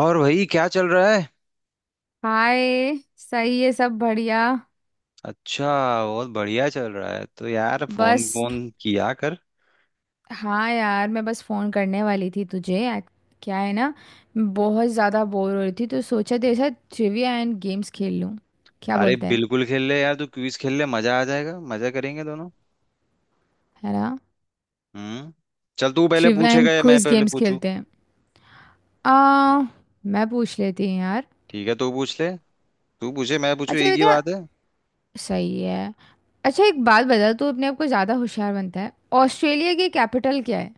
और भाई क्या चल रहा है। हाय। सही है, सब बढ़िया। अच्छा, बहुत बढ़िया चल रहा है। तो यार फोन बस फोन किया कर। हाँ यार, मैं बस फोन करने वाली थी तुझे क्या है ना, मैं बहुत ज़्यादा बोर हो रही थी तो सोचा तेरे साथ ट्रिविया एंड गेम्स खेल लूँ, क्या अरे बोलता है? बिल्कुल खेल ले यार, तू क्विज खेल ले, मजा आ जाएगा, मजा करेंगे दोनों। है ना। हम्म। चल, तू पहले ट्रिविया एंड पूछेगा या मैं क्विज पहले गेम्स पूछूं? खेलते हैं। आ मैं पूछ लेती हूँ यार। ठीक है, तू पूछ ले। तू पूछे मैं पूछूं अच्छा एक ही बेटा, बात है। सही है। अच्छा एक बात बता, तू अपने आप को ज़्यादा होशियार बनता है। ऑस्ट्रेलिया की कैपिटल क्या है?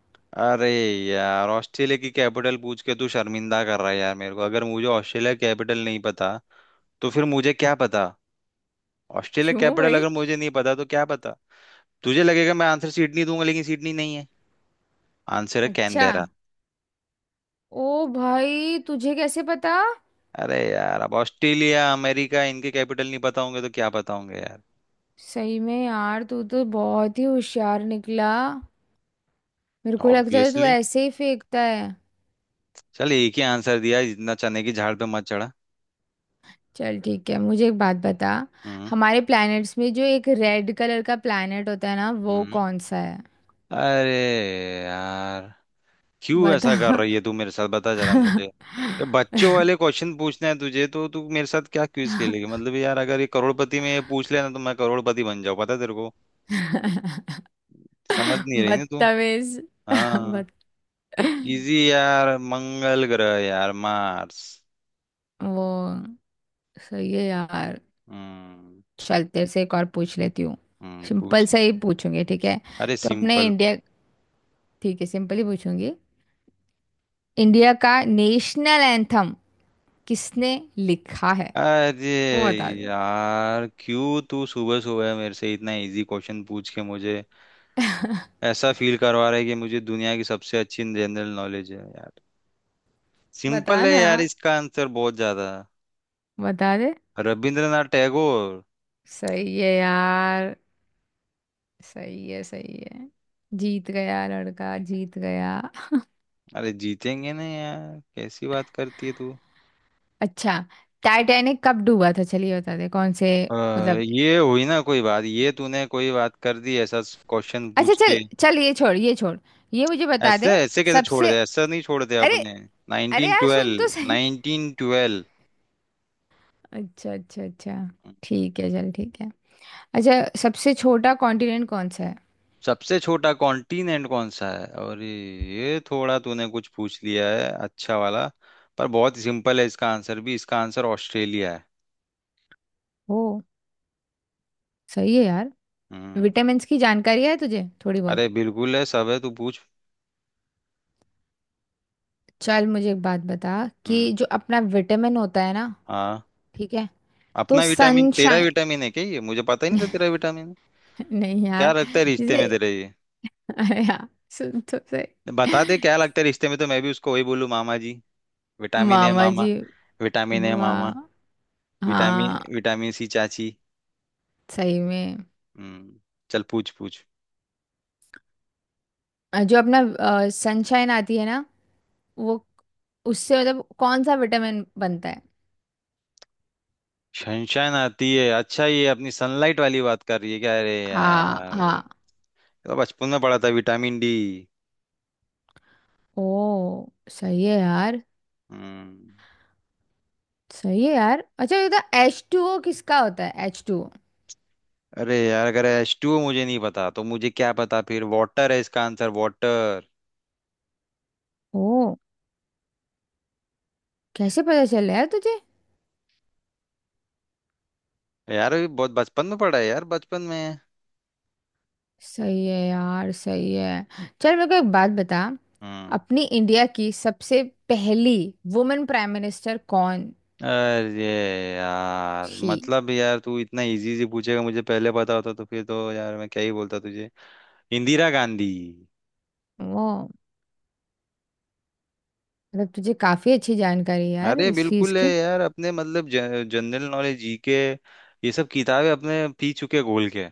अरे यार, ऑस्ट्रेलिया की कैपिटल पूछ के तू शर्मिंदा कर रहा है यार मेरे को। अगर मुझे ऑस्ट्रेलिया कैपिटल नहीं पता, तो फिर मुझे क्या पता? ऑस्ट्रेलिया क्यों कैपिटल भाई? अगर मुझे नहीं पता तो क्या पता? तुझे लगेगा मैं आंसर सीट नहीं दूंगा, लेकिन सीट नहीं, नहीं है। आंसर है अच्छा। कैनबेरा। ओ भाई, तुझे कैसे पता? अरे यार, अब ऑस्ट्रेलिया अमेरिका इनके कैपिटल नहीं पता होंगे तो क्या पता होंगे यार। सही में यार, तू तो बहुत ही होशियार निकला। मेरे को लगता है तू ऑब्वियसली। ऐसे ही फेंकता है। चल, एक ही आंसर दिया इतना चने की झाड़ पे मत चढ़ा। चल ठीक है, मुझे एक बात बता। हम्म। हमारे प्लैनेट्स में जो एक रेड कलर का प्लैनेट होता है ना, वो हम्म। कौन सा है? अरे यार, क्यों बता। ऐसा कर रही है तू मेरे साथ? बता जरा मुझे। ये बच्चों वाले क्वेश्चन पूछना है तुझे तो तू मेरे साथ क्या क्विज खेलेगी? मतलब यार, अगर ये करोड़पति में ये पूछ लेना तो मैं करोड़पति बन जाऊं, पता है तेरे को। समझ नहीं रही ना तू। बदतमीज। हाँ। बद। इजी यार, मंगल ग्रह यार, मार्स। वो सही है यार। हम्म। चल तेरे से एक और पूछ लेती हूँ। हम्म, पूछ। सिंपल सा ही पूछूंगी, ठीक है? अरे तो अपने सिंपल। इंडिया। ठीक है सिंपल ही पूछूंगी। इंडिया का नेशनल एंथम किसने लिखा है, अरे वो बता दे। यार, क्यों तू सुबह सुबह मेरे से इतना इजी क्वेश्चन पूछ के मुझे ऐसा फील करवा रहा है कि मुझे दुनिया की सबसे अच्छी जनरल नॉलेज है यार। बता सिंपल है ना, यार, इसका आंसर बहुत ज्यादा। बता दे। रविंद्रनाथ टैगोर। सही है यार, सही है, सही है। जीत गया लड़का, जीत गया। अरे जीतेंगे ना यार, कैसी बात करती है तू। अच्छा टाइटैनिक कब डूबा था, चलिए बता दे, कौन से अ, मतलब। ये हुई ना कोई बात, ये तूने कोई बात कर दी ऐसा क्वेश्चन अच्छा पूछ चल के। चल, ये छोड़ ये छोड़। ये मुझे बता ऐसे दे। ऐसे कैसे छोड़ सबसे, दे, ऐसा नहीं छोड़ते अरे। अपने। अरे नाइनटीन यार सुन तो ट्वेल्व सही। 1912। अच्छा अच्छा अच्छा, ठीक है चल ठीक है। अच्छा सबसे छोटा कॉन्टिनेंट कौन सा है? सबसे छोटा कॉन्टिनेंट कौन सा है, और ये थोड़ा तूने कुछ पूछ लिया है अच्छा वाला। पर बहुत सिंपल है इसका आंसर भी, इसका आंसर ऑस्ट्रेलिया है। ओ सही है यार। हम्म। विटामिन्स की जानकारी है तुझे थोड़ी बहुत? अरे बिल्कुल है, सब है, तू पूछ। चल मुझे एक बात बता, कि हम्म। जो अपना विटामिन होता है ना, हाँ। ठीक है, तो अपना विटामिन? तेरा सनशाइन। विटामिन है क्या? ये मुझे पता ही नहीं था तेरा विटामिन है। नहीं क्या यार। लगता है रिश्ते में जैसे तेरे ये? अरे यार सुन तो सही। बता दे क्या लगता है रिश्ते में, तो मैं भी उसको वही बोलूँ। मामा जी, विटामिन है मामा मामा, जी। विटामिन है मामा, वाह। विटामिन, हाँ, विटामिन सी चाची। सही में। हम्म। चल पूछ पूछ। जो अपना सनशाइन आती है ना, वो, उससे मतलब कौन सा विटामिन बनता है? सनशाइन आती है? अच्छा, ये अपनी सनलाइट वाली बात कर रही है क्या? अरे हाँ यार, हाँ। तो बचपन में पढ़ा था, विटामिन D। ओ सही है यार। हम्म। सही है यार। अच्छा ये तो एच टू ओ किसका होता है? एच टू अरे यार, अगर H2 मुझे नहीं पता तो मुझे क्या पता फिर। वाटर है इसका आंसर, वाटर। ओ कैसे पता चल रहा है तुझे? यार, अभी बहुत बचपन में पढ़ा है यार, बचपन में। सही है यार, सही है। चल मेरे को एक बात बता, हम्म। अपनी इंडिया की सबसे पहली वुमेन प्राइम मिनिस्टर कौन अरे यार, थी? मतलब यार, तू इतना इजी से पूछेगा, मुझे पहले पता होता तो फिर तो यार मैं क्या ही बोलता तुझे। इंदिरा गांधी। वो मतलब तुझे काफी अच्छी जानकारी है यार अरे इस चीज बिल्कुल है की। यार अपने, मतलब जनरल नॉलेज, GK, ये सब किताबें अपने पी चुके घोल के।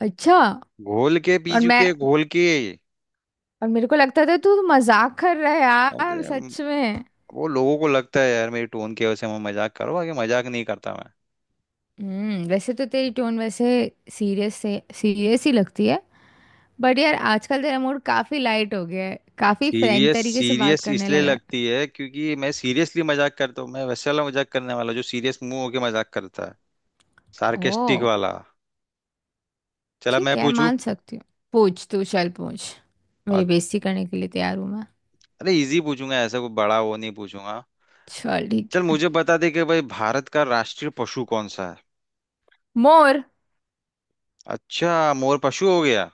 अच्छा। घोल के पी और मैं, चुके घोल के। और मेरे को लगता था तू मजाक कर रहा है यार, अरे, सच में। वो लोगों को लगता है यार मेरी टोन की वजह से मैं मजाक करो, बाकी मजाक नहीं करता मैं। हम्म। वैसे तो तेरी टोन वैसे सीरियस से सीरियस ही लगती है, बट यार आजकल तेरा मूड काफी लाइट हो गया है, काफी फ्रैंक सीरियस तरीके से बात सीरियस करने इसलिए लगा है। लगती है क्योंकि मैं सीरियसली मजाक करता हूँ। मैं वैसे वाला मजाक करने वाला जो सीरियस मुंह होके मजाक करता है, ओ। सार्केस्टिक वाला। चला मैं ठीक है, पूछूं। मान सकती हूँ। पूछ तू, चल पूछ। अ- मेरी बेइज्जती करने के लिए तैयार हूँ मैं। अरे इजी पूछूंगा, ऐसा कोई बड़ा वो नहीं पूछूंगा। चल ठीक चल है। मुझे बता दे कि भाई, भारत का राष्ट्रीय पशु कौन सा है? मोर। अच्छा, मोर पशु हो गया।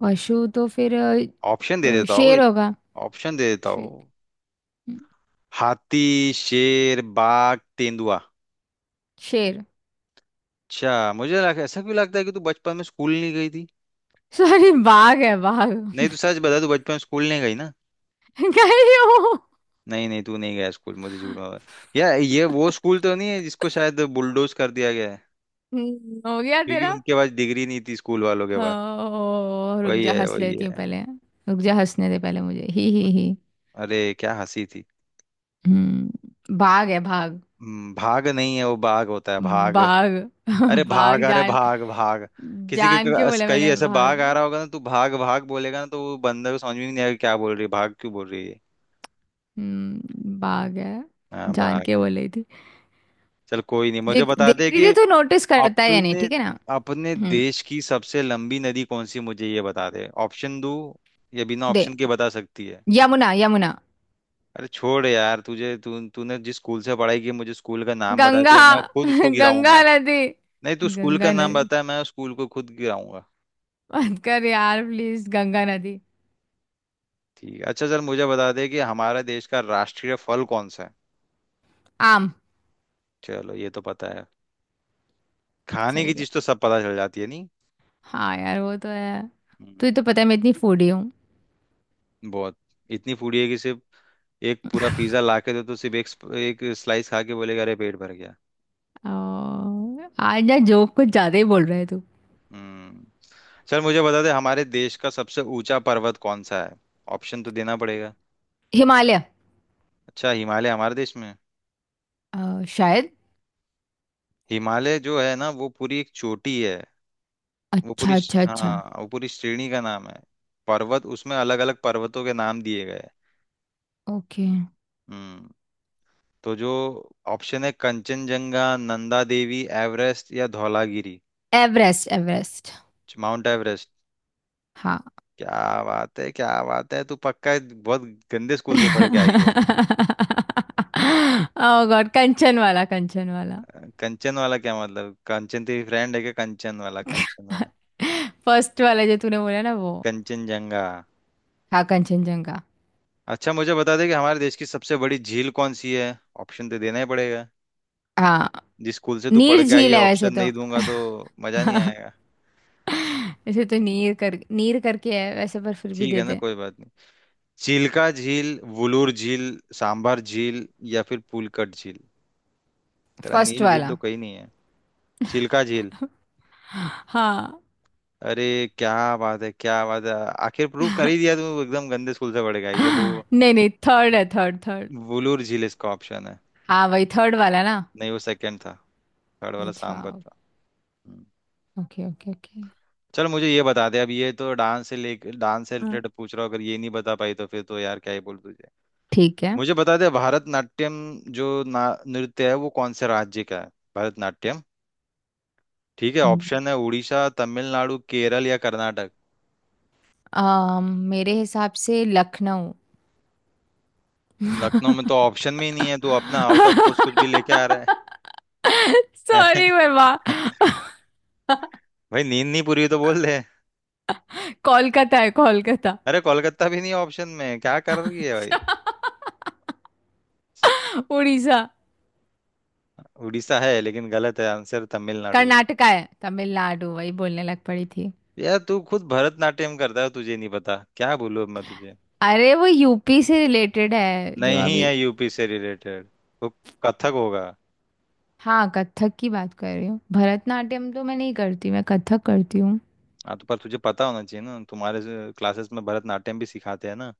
पशु तो फिर ऑप्शन दे देता हूँ। शेर होगा। ऑप्शन दे देता शे- हूँ। हाथी, शेर, बाघ, तेंदुआ। शेर। अच्छा मुझे ऐसा क्यों लगता है कि तू बचपन में स्कूल नहीं गई थी? सॉरी, बाघ है बाघ। नहीं तू सच बता, तू बचपन में स्कूल नहीं गई ना? गई हो। नहीं नहीं, तू नहीं गया स्कूल, मुझे झूठ मत बता। यार ये वो स्कूल तो नहीं है जिसको शायद बुलडोज कर दिया गया है हो गया क्योंकि तेरा? उनके पास डिग्री नहीं थी, स्कूल वालों के पास? हो रुक वही जा, है हंस वही लेती हूँ है। पहले। रुक जा हंसने दे पहले मुझे, ही ही। अरे क्या हंसी थी। हम्म, भाग है भाग। भाग नहीं है वो, बाघ होता है, भाग। भाग अरे भाग, भाग अरे जान, भाग भाग। किसी के जान के बोला कहीं मैंने ऐसे बाघ भाग। आ रहा होगा ना, तू भाग भाग बोलेगा ना, तो वो बंदर को समझ में नहीं आएगा क्या बोल रही है, भाग क्यों बोल रही है। हम्म, भाग है, हाँ जान के भाग। बोल रही थी। चल कोई नहीं, मुझे देख बता देख दे रही कि थी तो नोटिस करता है या नहीं, अपने, ठीक है ना? अपने हम्म। देश की सबसे लंबी नदी कौन सी? मुझे ये बता दे, ऑप्शन दू या बिना दे। ऑप्शन के बता सकती है? यमुना यमुना। अरे छोड़ यार, तुझे, तू तूने जिस स्कूल से पढ़ाई की मुझे स्कूल का नाम बता गंगा। दे, मैं खुद उसको गंगा गिराऊंगा। नदी। नहीं तू स्कूल का गंगा नाम नदी बता, मैं उस स्कूल को खुद गिराऊंगा। मत कर यार प्लीज, गंगा नदी। ठीक है। अच्छा चल, मुझे बता दे कि हमारे देश का राष्ट्रीय फल कौन सा है? आम। चलो ये तो पता है। खाने सही की है। चीज तो सब पता चल जाती है, नहीं? हाँ यार, वो तो है। तुझे हम्म। तो पता है मैं इतनी फूडी हूँ। बहुत। इतनी फूडी है कि सिर्फ एक पूरा पिज्जा ला के दो तो सिर्फ एक एक स्लाइस खा के बोलेगा अरे पेट भर गया। और आज यार जोक कुछ ज्यादा ही बोल रहा है तू। हम्म। चल मुझे बता दे, हमारे देश का सबसे ऊंचा पर्वत कौन सा है? ऑप्शन तो देना पड़ेगा। हिमालय। अच्छा, हिमालय हमारे देश में, शायद। हिमालय जो है ना वो पूरी एक चोटी है। वो अच्छा पूरी अच्छा अच्छा। हाँ, वो पूरी श्रेणी का नाम है। पर्वत उसमें अलग अलग पर्वतों के नाम दिए गए हैं। ओके। हम्म। तो जो ऑप्शन है, कंचनजंगा, नंदा देवी, एवरेस्ट या Dhaulagiri. Everest Everest. Mount Everest. हाँ। क्या बात है, क्या बात है, तू पक्का बहुत गंदे स्कूल से पढ़ के आई है। ओह गॉड। कंचन वाला, कंचन वाला। कंचन वाला क्या मतलब, कंचन तेरी फ्रेंड है क्या? कंचन वाला, कंचन वाला। फर्स्ट वाला जो तूने बोला ना, वो। कंचनजंगा। हाँ, कंचनजंगा। अच्छा मुझे बता दे कि हमारे देश की सबसे बड़ी झील कौन सी है? ऑप्शन तो देना ही पड़ेगा। हाँ। जिस स्कूल से तू पढ़ नीर के आई झील है, है वैसे ऑप्शन तो। नहीं दूंगा तो मजा नहीं आएगा। वैसे तो नीर कर, नीर करके है वैसे, पर फिर भी ठीक दे है ना, दे। कोई बात नहीं। चिल्का झील, वुलूर झील, सांभर झील, या फिर पुलकट झील। तेरा फर्स्ट नील झील तो वाला। कहीं नहीं है। चिल्का झील। हाँ। अरे क्या बात है, क्या बात है। आखिर प्रूव कर ही दिया तू एकदम गंदे स्कूल से पड़ेगा ये वो। नहीं नहीं, थर्ड है, थर्ड थर्ड। वुलूर झील इसका ऑप्शन है। हाँ वही थर्ड वाला ना। नहीं, वो सेकंड था, थर्ड वाला अच्छा। सांभर था। हम्म। Okay okay okay. चल मुझे ये बता दे, अब ये तो डांस से ले, डांस से हाँ। रिलेटेड पूछ रहा हूँ, अगर ये नहीं बता पाई तो फिर तो यार क्या ही बोल तुझे। ठीक है। मुझे बता दे भारतनाट्यम जो ना नृत्य है, वो कौन से राज्य का है? भारतनाट्यम। ठीक है, हम्म। ऑप्शन है उड़ीसा, तमिलनाडु, केरल या कर्नाटक। अम, मेरे हिसाब से लखनऊ। लखनऊ में तो ऑप्शन में ही नहीं है, तू अपना आउट ऑफ कोर्स कुछ भी लेके आ रहा है। सॉरी बाबा। भाई, नींद नहीं पूरी हुई तो बोल दे। कोलकाता है कोलकाता। अरे कोलकाता भी नहीं ऑप्शन में, क्या कर रही है भाई। अच्छा उड़ीसा। उड़ीसा है लेकिन गलत है, आंसर तमिलनाडु है। कर्नाटका है, तमिलनाडु वही बोलने लग पड़ी थी। यार तू खुद भरतनाट्यम करता है, तुझे नहीं पता, क्या बोलूं अब मैं तुझे। अरे वो यूपी से रिलेटेड है जो नहीं अभी। है यूपी से रिलेटेड, तो कथक होगा। हाँ कथक की बात कर रही हूँ, भरतनाट्यम तो मैं नहीं करती, मैं कथक करती हूँ। हाँ तो पर तुझे पता होना चाहिए ना, तुम्हारे क्लासेस में भरतनाट्यम भी सिखाते हैं ना।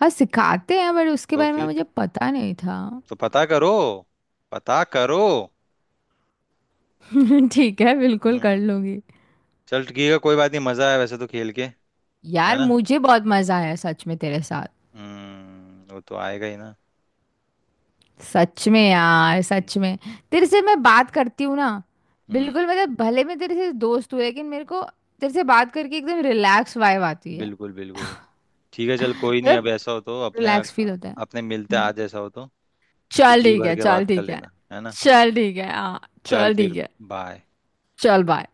हाँ सिखाते हैं, बट उसके तो बारे में फिर मुझे पता नहीं था। तो पता करो, पता करो। ठीक है, बिल्कुल कर हम्म। लूंगी। चल ठीक है, कोई बात नहीं, मजा आया वैसे तो खेल के। है यार ना? मुझे बहुत मजा आया सच में तेरे साथ। हम्म, वो तो आएगा ही ना। सच में यार, सच में। तेरे से मैं बात करती हूँ ना, हम्म, बिल्कुल मतलब भले मैं तेरे से दोस्त हूँ, लेकिन मेरे को तेरे से बात करके एकदम रिलैक्स वाइब आती है। बिल्कुल बिल्कुल। ठीक है चल, कोई नहीं, अब मतलब ऐसा हो तो अपने, रिलैक्स फील होता है। अपने मिलते हैं हम्म, आज ऐसा हो तो फिर चल जी ठीक भर है, के चल बात कर ठीक है। लेना, है ना? चल ठीक है हाँ, चल चल फिर, ठीक है। बाय। चल बाय।